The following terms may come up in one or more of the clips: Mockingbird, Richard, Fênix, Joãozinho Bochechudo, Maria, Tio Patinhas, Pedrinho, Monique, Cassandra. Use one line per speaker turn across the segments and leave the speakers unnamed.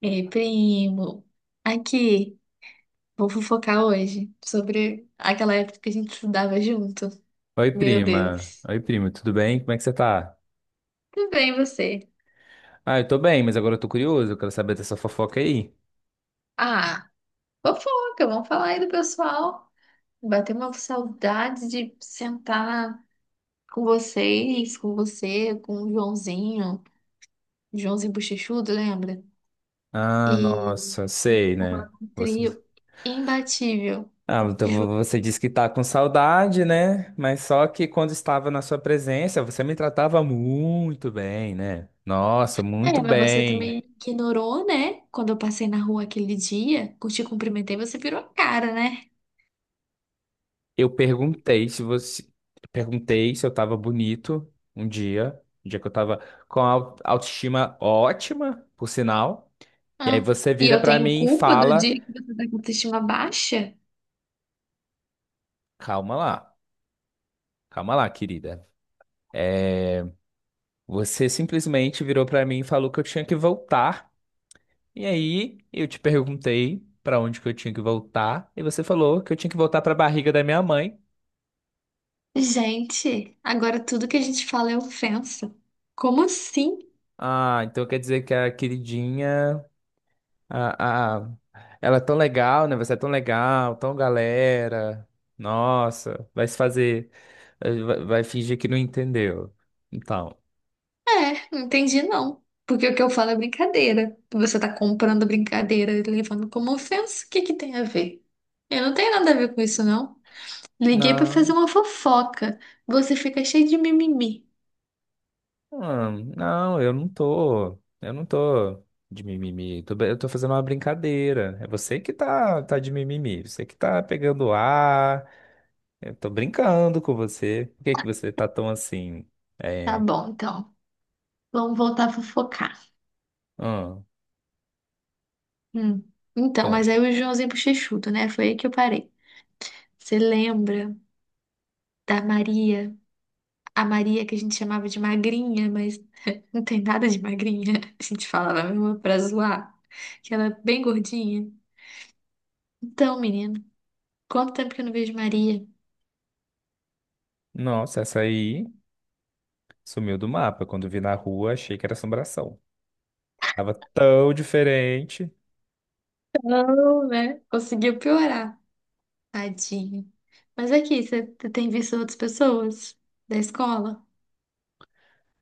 Ei, primo, aqui, vou fofocar hoje sobre aquela época que a gente estudava junto.
Oi,
Meu
prima.
Deus.
Oi, primo, tudo bem? Como é que você tá?
Tudo bem, você?
Ah, eu tô bem, mas agora eu tô curioso, eu quero saber dessa fofoca aí.
Ah, fofoca, vamos falar aí do pessoal. Bateu uma saudade de sentar com vocês, com você, com o Joãozinho, Joãozinho Bochechudo, lembra?
Ah,
E
nossa,
a
sei,
gente
né?
formava um
Você...
trio imbatível.
Ah, então você disse que tá com saudade, né? Mas só que quando estava na sua presença, você me tratava muito bem, né? Nossa,
É,
muito
mas você
bem.
também ignorou, né? Quando eu passei na rua aquele dia, eu te cumprimentei, você virou a cara, né?
Eu perguntei se você. Perguntei se eu tava bonito um dia que eu tava com a autoestima ótima, por sinal. E aí
Ah,
você
e
vira
eu
pra
tenho
mim e
culpa do
fala.
dia que você tá com a autoestima baixa?
Calma lá, calma lá, querida. É, você simplesmente virou pra mim e falou que eu tinha que voltar. E aí eu te perguntei pra onde que eu tinha que voltar e você falou que eu tinha que voltar pra barriga da minha mãe.
Gente, agora tudo que a gente fala é ofensa. Como assim?
Ah, então quer dizer que a queridinha, a, a, ela é tão legal, né? Você é tão legal, tão galera. Nossa, vai se fazer, vai fingir que não entendeu. Então,
É, não entendi não. Porque o que eu falo é brincadeira. Você tá comprando brincadeira e levando como ofensa, o que que tem a ver? Eu não tenho nada a ver com isso, não. Liguei pra fazer
não.
uma fofoca. Você fica cheio de mimimi.
Ah, não, eu não tô. Eu não tô de mimimi. Eu tô fazendo uma brincadeira. É você que tá, tá de mimimi. Você que tá pegando ar. Eu tô brincando com você. Por que que você tá tão assim?
Tá
É.
bom, então. Vamos voltar a fofocar.
Ah,
Hum. Então, mas aí
conta.
o Joãozinho Bochechudo, né? Foi aí que eu parei. Você lembra da Maria? A Maria que a gente chamava de magrinha, mas não tem nada de magrinha. A gente falava mesmo pra zoar, que ela é bem gordinha. Então, menino, quanto tempo que eu não vejo Maria?
Nossa, essa aí sumiu do mapa. Quando vi na rua, achei que era assombração. Tava tão diferente.
Não, né? Conseguiu piorar. Tadinho. Mas aqui, você tem visto outras pessoas da escola?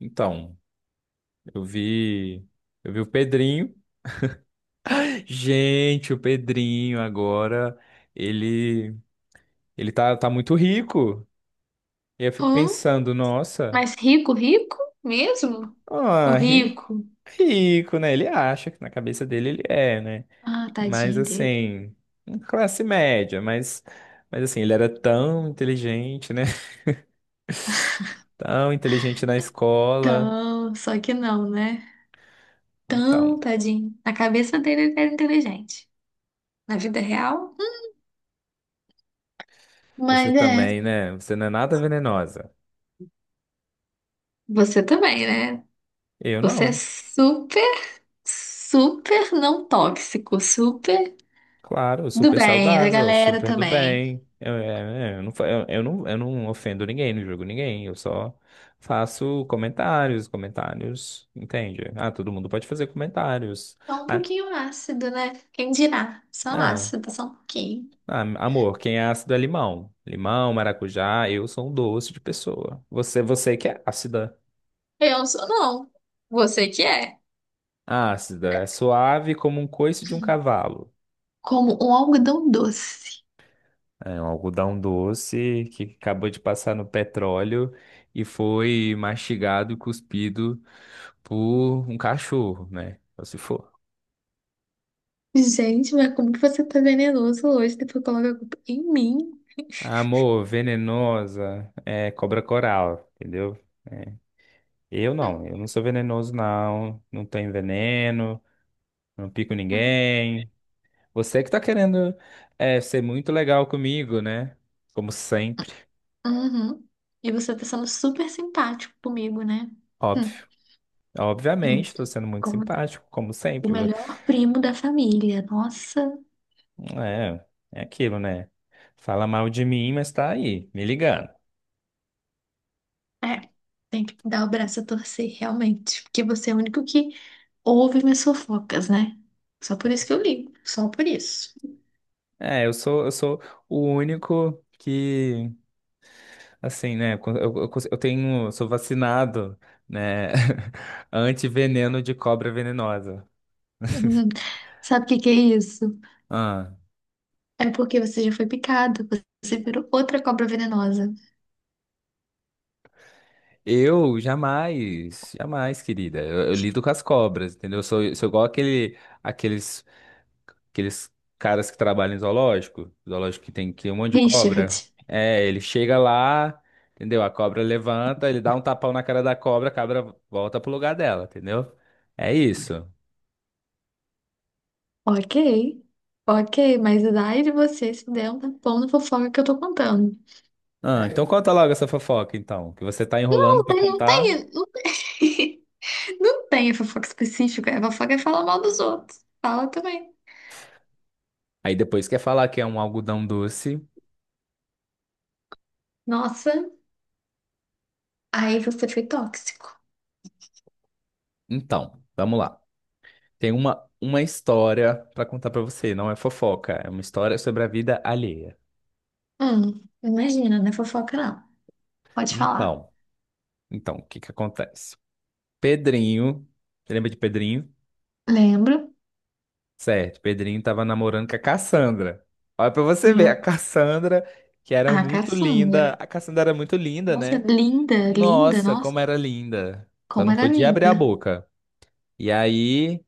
Então, eu vi. Eu vi o Pedrinho. Gente, o Pedrinho agora. Ele. Ele tá, tá muito rico. E eu fico
Hum?
pensando, nossa,
Mas rico, rico? Mesmo? O
ah, ri-
rico?
rico, né? Ele acha que na cabeça dele ele é, né?
Ah,
Mas
tadinho dele.
assim, classe média, mas assim, ele era tão inteligente, né? Tão inteligente na escola.
Tão, só que não, né?
Então,
Tão tadinho. Na cabeça dele ele era inteligente. Na vida real.
você
Mas é,
também, né? Você não é nada venenosa.
você também, né?
Eu
Você é
não.
super, super não tóxico, super
Claro,
do
super
bem, da
saudável,
galera
super do
também.
bem. Eu, é, é, eu não, eu, eu não ofendo ninguém, não julgo ninguém. Eu só faço comentários, comentários, entende? Ah, todo mundo pode fazer comentários.
Só um
Ah,
pouquinho ácido, né? Quem dirá? Só
ah,
ácido, só um pouquinho.
ah, amor, quem é ácido é limão. Limão, maracujá, eu sou um doce de pessoa. Você que é ácida.
Eu sou não. Você que é.
Ácida, é suave como um coice de um cavalo.
Como um algodão doce.
É um algodão doce que acabou de passar no petróleo e foi mastigado e cuspido por um cachorro, né? Ou se for.
Gente, mas como que você tá venenoso hoje? Depois coloca a culpa em mim.
Amor, venenosa, é cobra coral, entendeu? É. Eu não sou venenoso, não. Não tenho veneno, não pico ninguém. Você que tá querendo é, ser muito legal comigo, né? Como sempre,
Uhum. E você tá sendo super simpático comigo, né? Hum,
óbvio.
hum.
Obviamente, tô sendo muito
Como
simpático, como
o
sempre.
melhor primo da família. Nossa,
É, é aquilo, né? Fala mal de mim, mas tá aí, me ligando.
é. Tem que dar o braço a torcer, realmente. Porque você é o único que ouve minhas fofocas, né? Só por isso que eu ligo. Só por isso.
É, eu sou o único que, assim, né? Eu, eu tenho, eu sou vacinado, né? Antiveneno de cobra venenosa.
Uhum. Sabe o que que é isso?
Ah,
É porque você já foi picado. Você virou outra cobra venenosa.
eu jamais, jamais, querida. Eu lido com as cobras, entendeu? Sou igual aquele, aqueles aqueles caras que trabalham em zoológico, que tem que um monte de
Richard.
cobra. É, ele chega lá, entendeu? A cobra levanta, ele dá um tapão na cara da cobra, a cobra volta pro lugar dela, entendeu? É isso.
Ok. Ok, mas daí de você se der um tapão na fofoca que eu tô contando.
Ah, então conta logo essa fofoca, então, que você tá enrolando
Não
pra
tem, não
contar.
tem, não tem, não tem fofoca específica. A fofoca é falar mal dos outros. Fala também.
Aí depois quer falar que é um algodão doce.
Nossa, aí você foi tóxico.
Então, vamos lá. Tem uma história pra contar pra você, não é fofoca, é uma história sobre a vida alheia.
Imagina, não é fofoca não. Pode falar.
Então, então, o que que acontece? Pedrinho, você lembra de Pedrinho?
Lembro,
Certo, Pedrinho tava namorando com a Cassandra. Olha pra você ver, a
meu,
Cassandra, que era
ah
muito
caçula.
linda. A Cassandra era muito linda,
Nossa,
né?
linda, linda,
Nossa,
nossa,
como era linda. Só
como
não
era
podia abrir a
linda.
boca. E aí,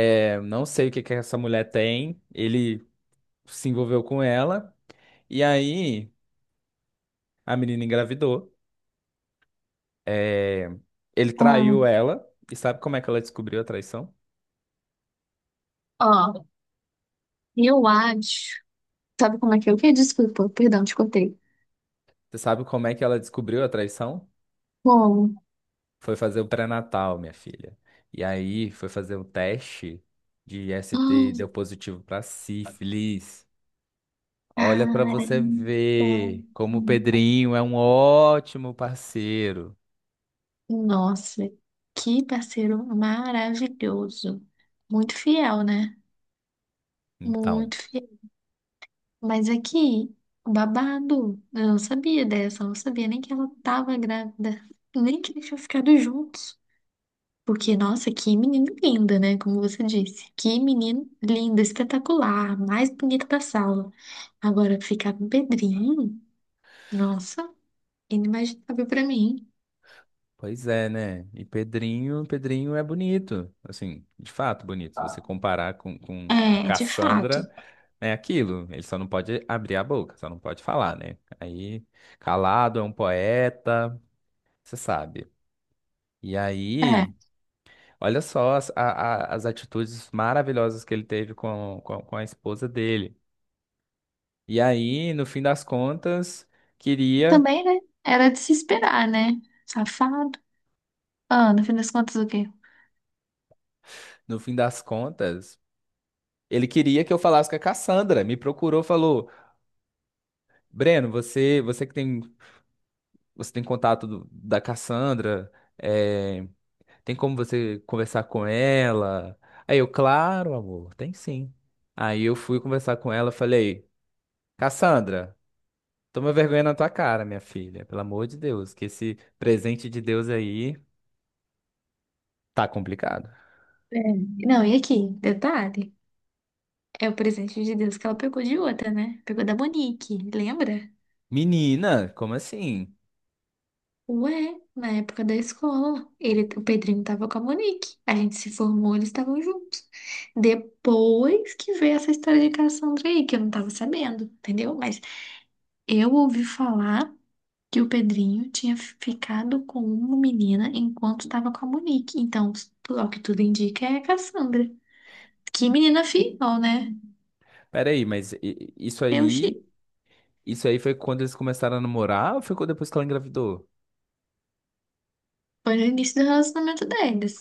é, não sei o que que essa mulher tem. Ele se envolveu com ela. E aí, a menina engravidou. É, ele traiu
Hum,
ela. E sabe como é que ela descobriu a traição?
ó, eu acho. Sabe como é que eu que? Desculpa, perdão, te contei.
Você sabe como é que ela descobriu a traição?
Como?
Foi fazer o pré-natal, minha filha. E aí foi fazer um teste de ST e deu
Hum,
positivo para sífilis. Olha para você ver como o
caramba.
Pedrinho é um ótimo parceiro.
Nossa, que parceiro maravilhoso. Muito fiel, né?
Então,
Muito fiel. Mas aqui, babado. Eu não sabia dessa, eu não sabia nem que ela tava grávida. Nem que eles tinham ficado juntos. Porque, nossa, que menina linda, né? Como você disse. Que menino lindo, espetacular, mais bonito da sala. Agora, ficar com o Pedrinho, nossa, inimaginável pra mim.
pois é, né? E Pedrinho, Pedrinho é bonito. Assim, de fato bonito. Se você comparar com a
É, de
Cassandra,
fato.
é aquilo. Ele só não pode abrir a boca, só não pode falar, né? Aí, calado, é um poeta, você sabe. E aí.
É.
Olha só as atitudes maravilhosas que ele teve com a esposa dele. E aí, no fim das contas, queria,
Também, né? Era de se esperar, né? Safado. Ah, no fim das contas, o quê?
no fim das contas, ele queria que eu falasse com a Cassandra. Me procurou, falou: Breno, você que tem, você tem contato da Cassandra, é, tem como você conversar com ela? Aí eu, claro, amor, tem sim. Aí eu fui conversar com ela, falei: Cassandra. Toma vergonha na tua cara, minha filha. Pelo amor de Deus, que esse presente de Deus aí tá complicado.
É. Não, e aqui, detalhe, é o presente de Deus que ela pegou de outra, né? Pegou da Monique, lembra?
Menina, como assim?
Ué, na época da escola, ele, o Pedrinho tava com a Monique. A gente se formou, eles estavam juntos. Depois que veio essa história de Cassandra aí, que eu não tava sabendo, entendeu? Mas eu ouvi falar. Que o Pedrinho tinha ficado com uma menina enquanto estava com a Monique. Então, ao que tudo indica, é a Cassandra. Que menina fiel, né?
Pera aí, mas
Eu achei.
isso aí foi quando eles começaram a namorar ou foi quando- depois que ela engravidou?
Foi no início do relacionamento deles.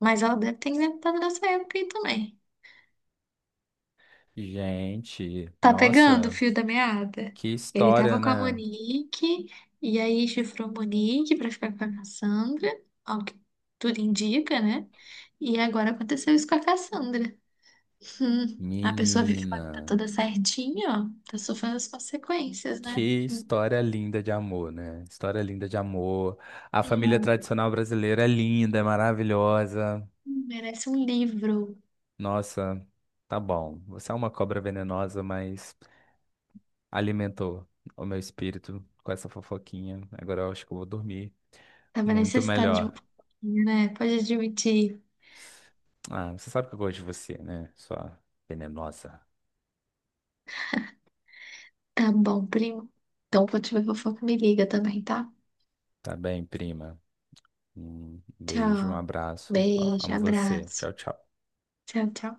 Mas ela deve ter inventado nessa época aí também.
Gente,
Tá pegando o
nossa,
fio da meada?
que
Ele
história,
tava com a
né?
Monique, e aí chifrou a Monique pra ficar com a Cassandra, ao que tudo indica, né? E agora aconteceu isso com a Cassandra. A pessoa vive com a vida
Menina,
toda certinha, ó, tá sofrendo as consequências,
que
né?
história linda de amor, né? História linda de amor. A família
Hum,
tradicional brasileira é linda, é maravilhosa.
merece um livro.
Nossa, tá bom. Você é uma cobra venenosa, mas alimentou o meu espírito com essa fofoquinha. Agora eu acho que eu vou dormir
Tava
muito
necessitado de um
melhor.
pouquinho, né? Pode admitir.
Ah, você sabe que eu gosto de você, né? Sua venenosa.
Tá bom, primo. Então, quando tiver fofoca, me liga também, tá?
Tá bem, prima? Um beijo, um
Tchau.
abraço. Ó,
Beijo,
amo você.
abraço.
Tchau, tchau.
Tchau, tchau.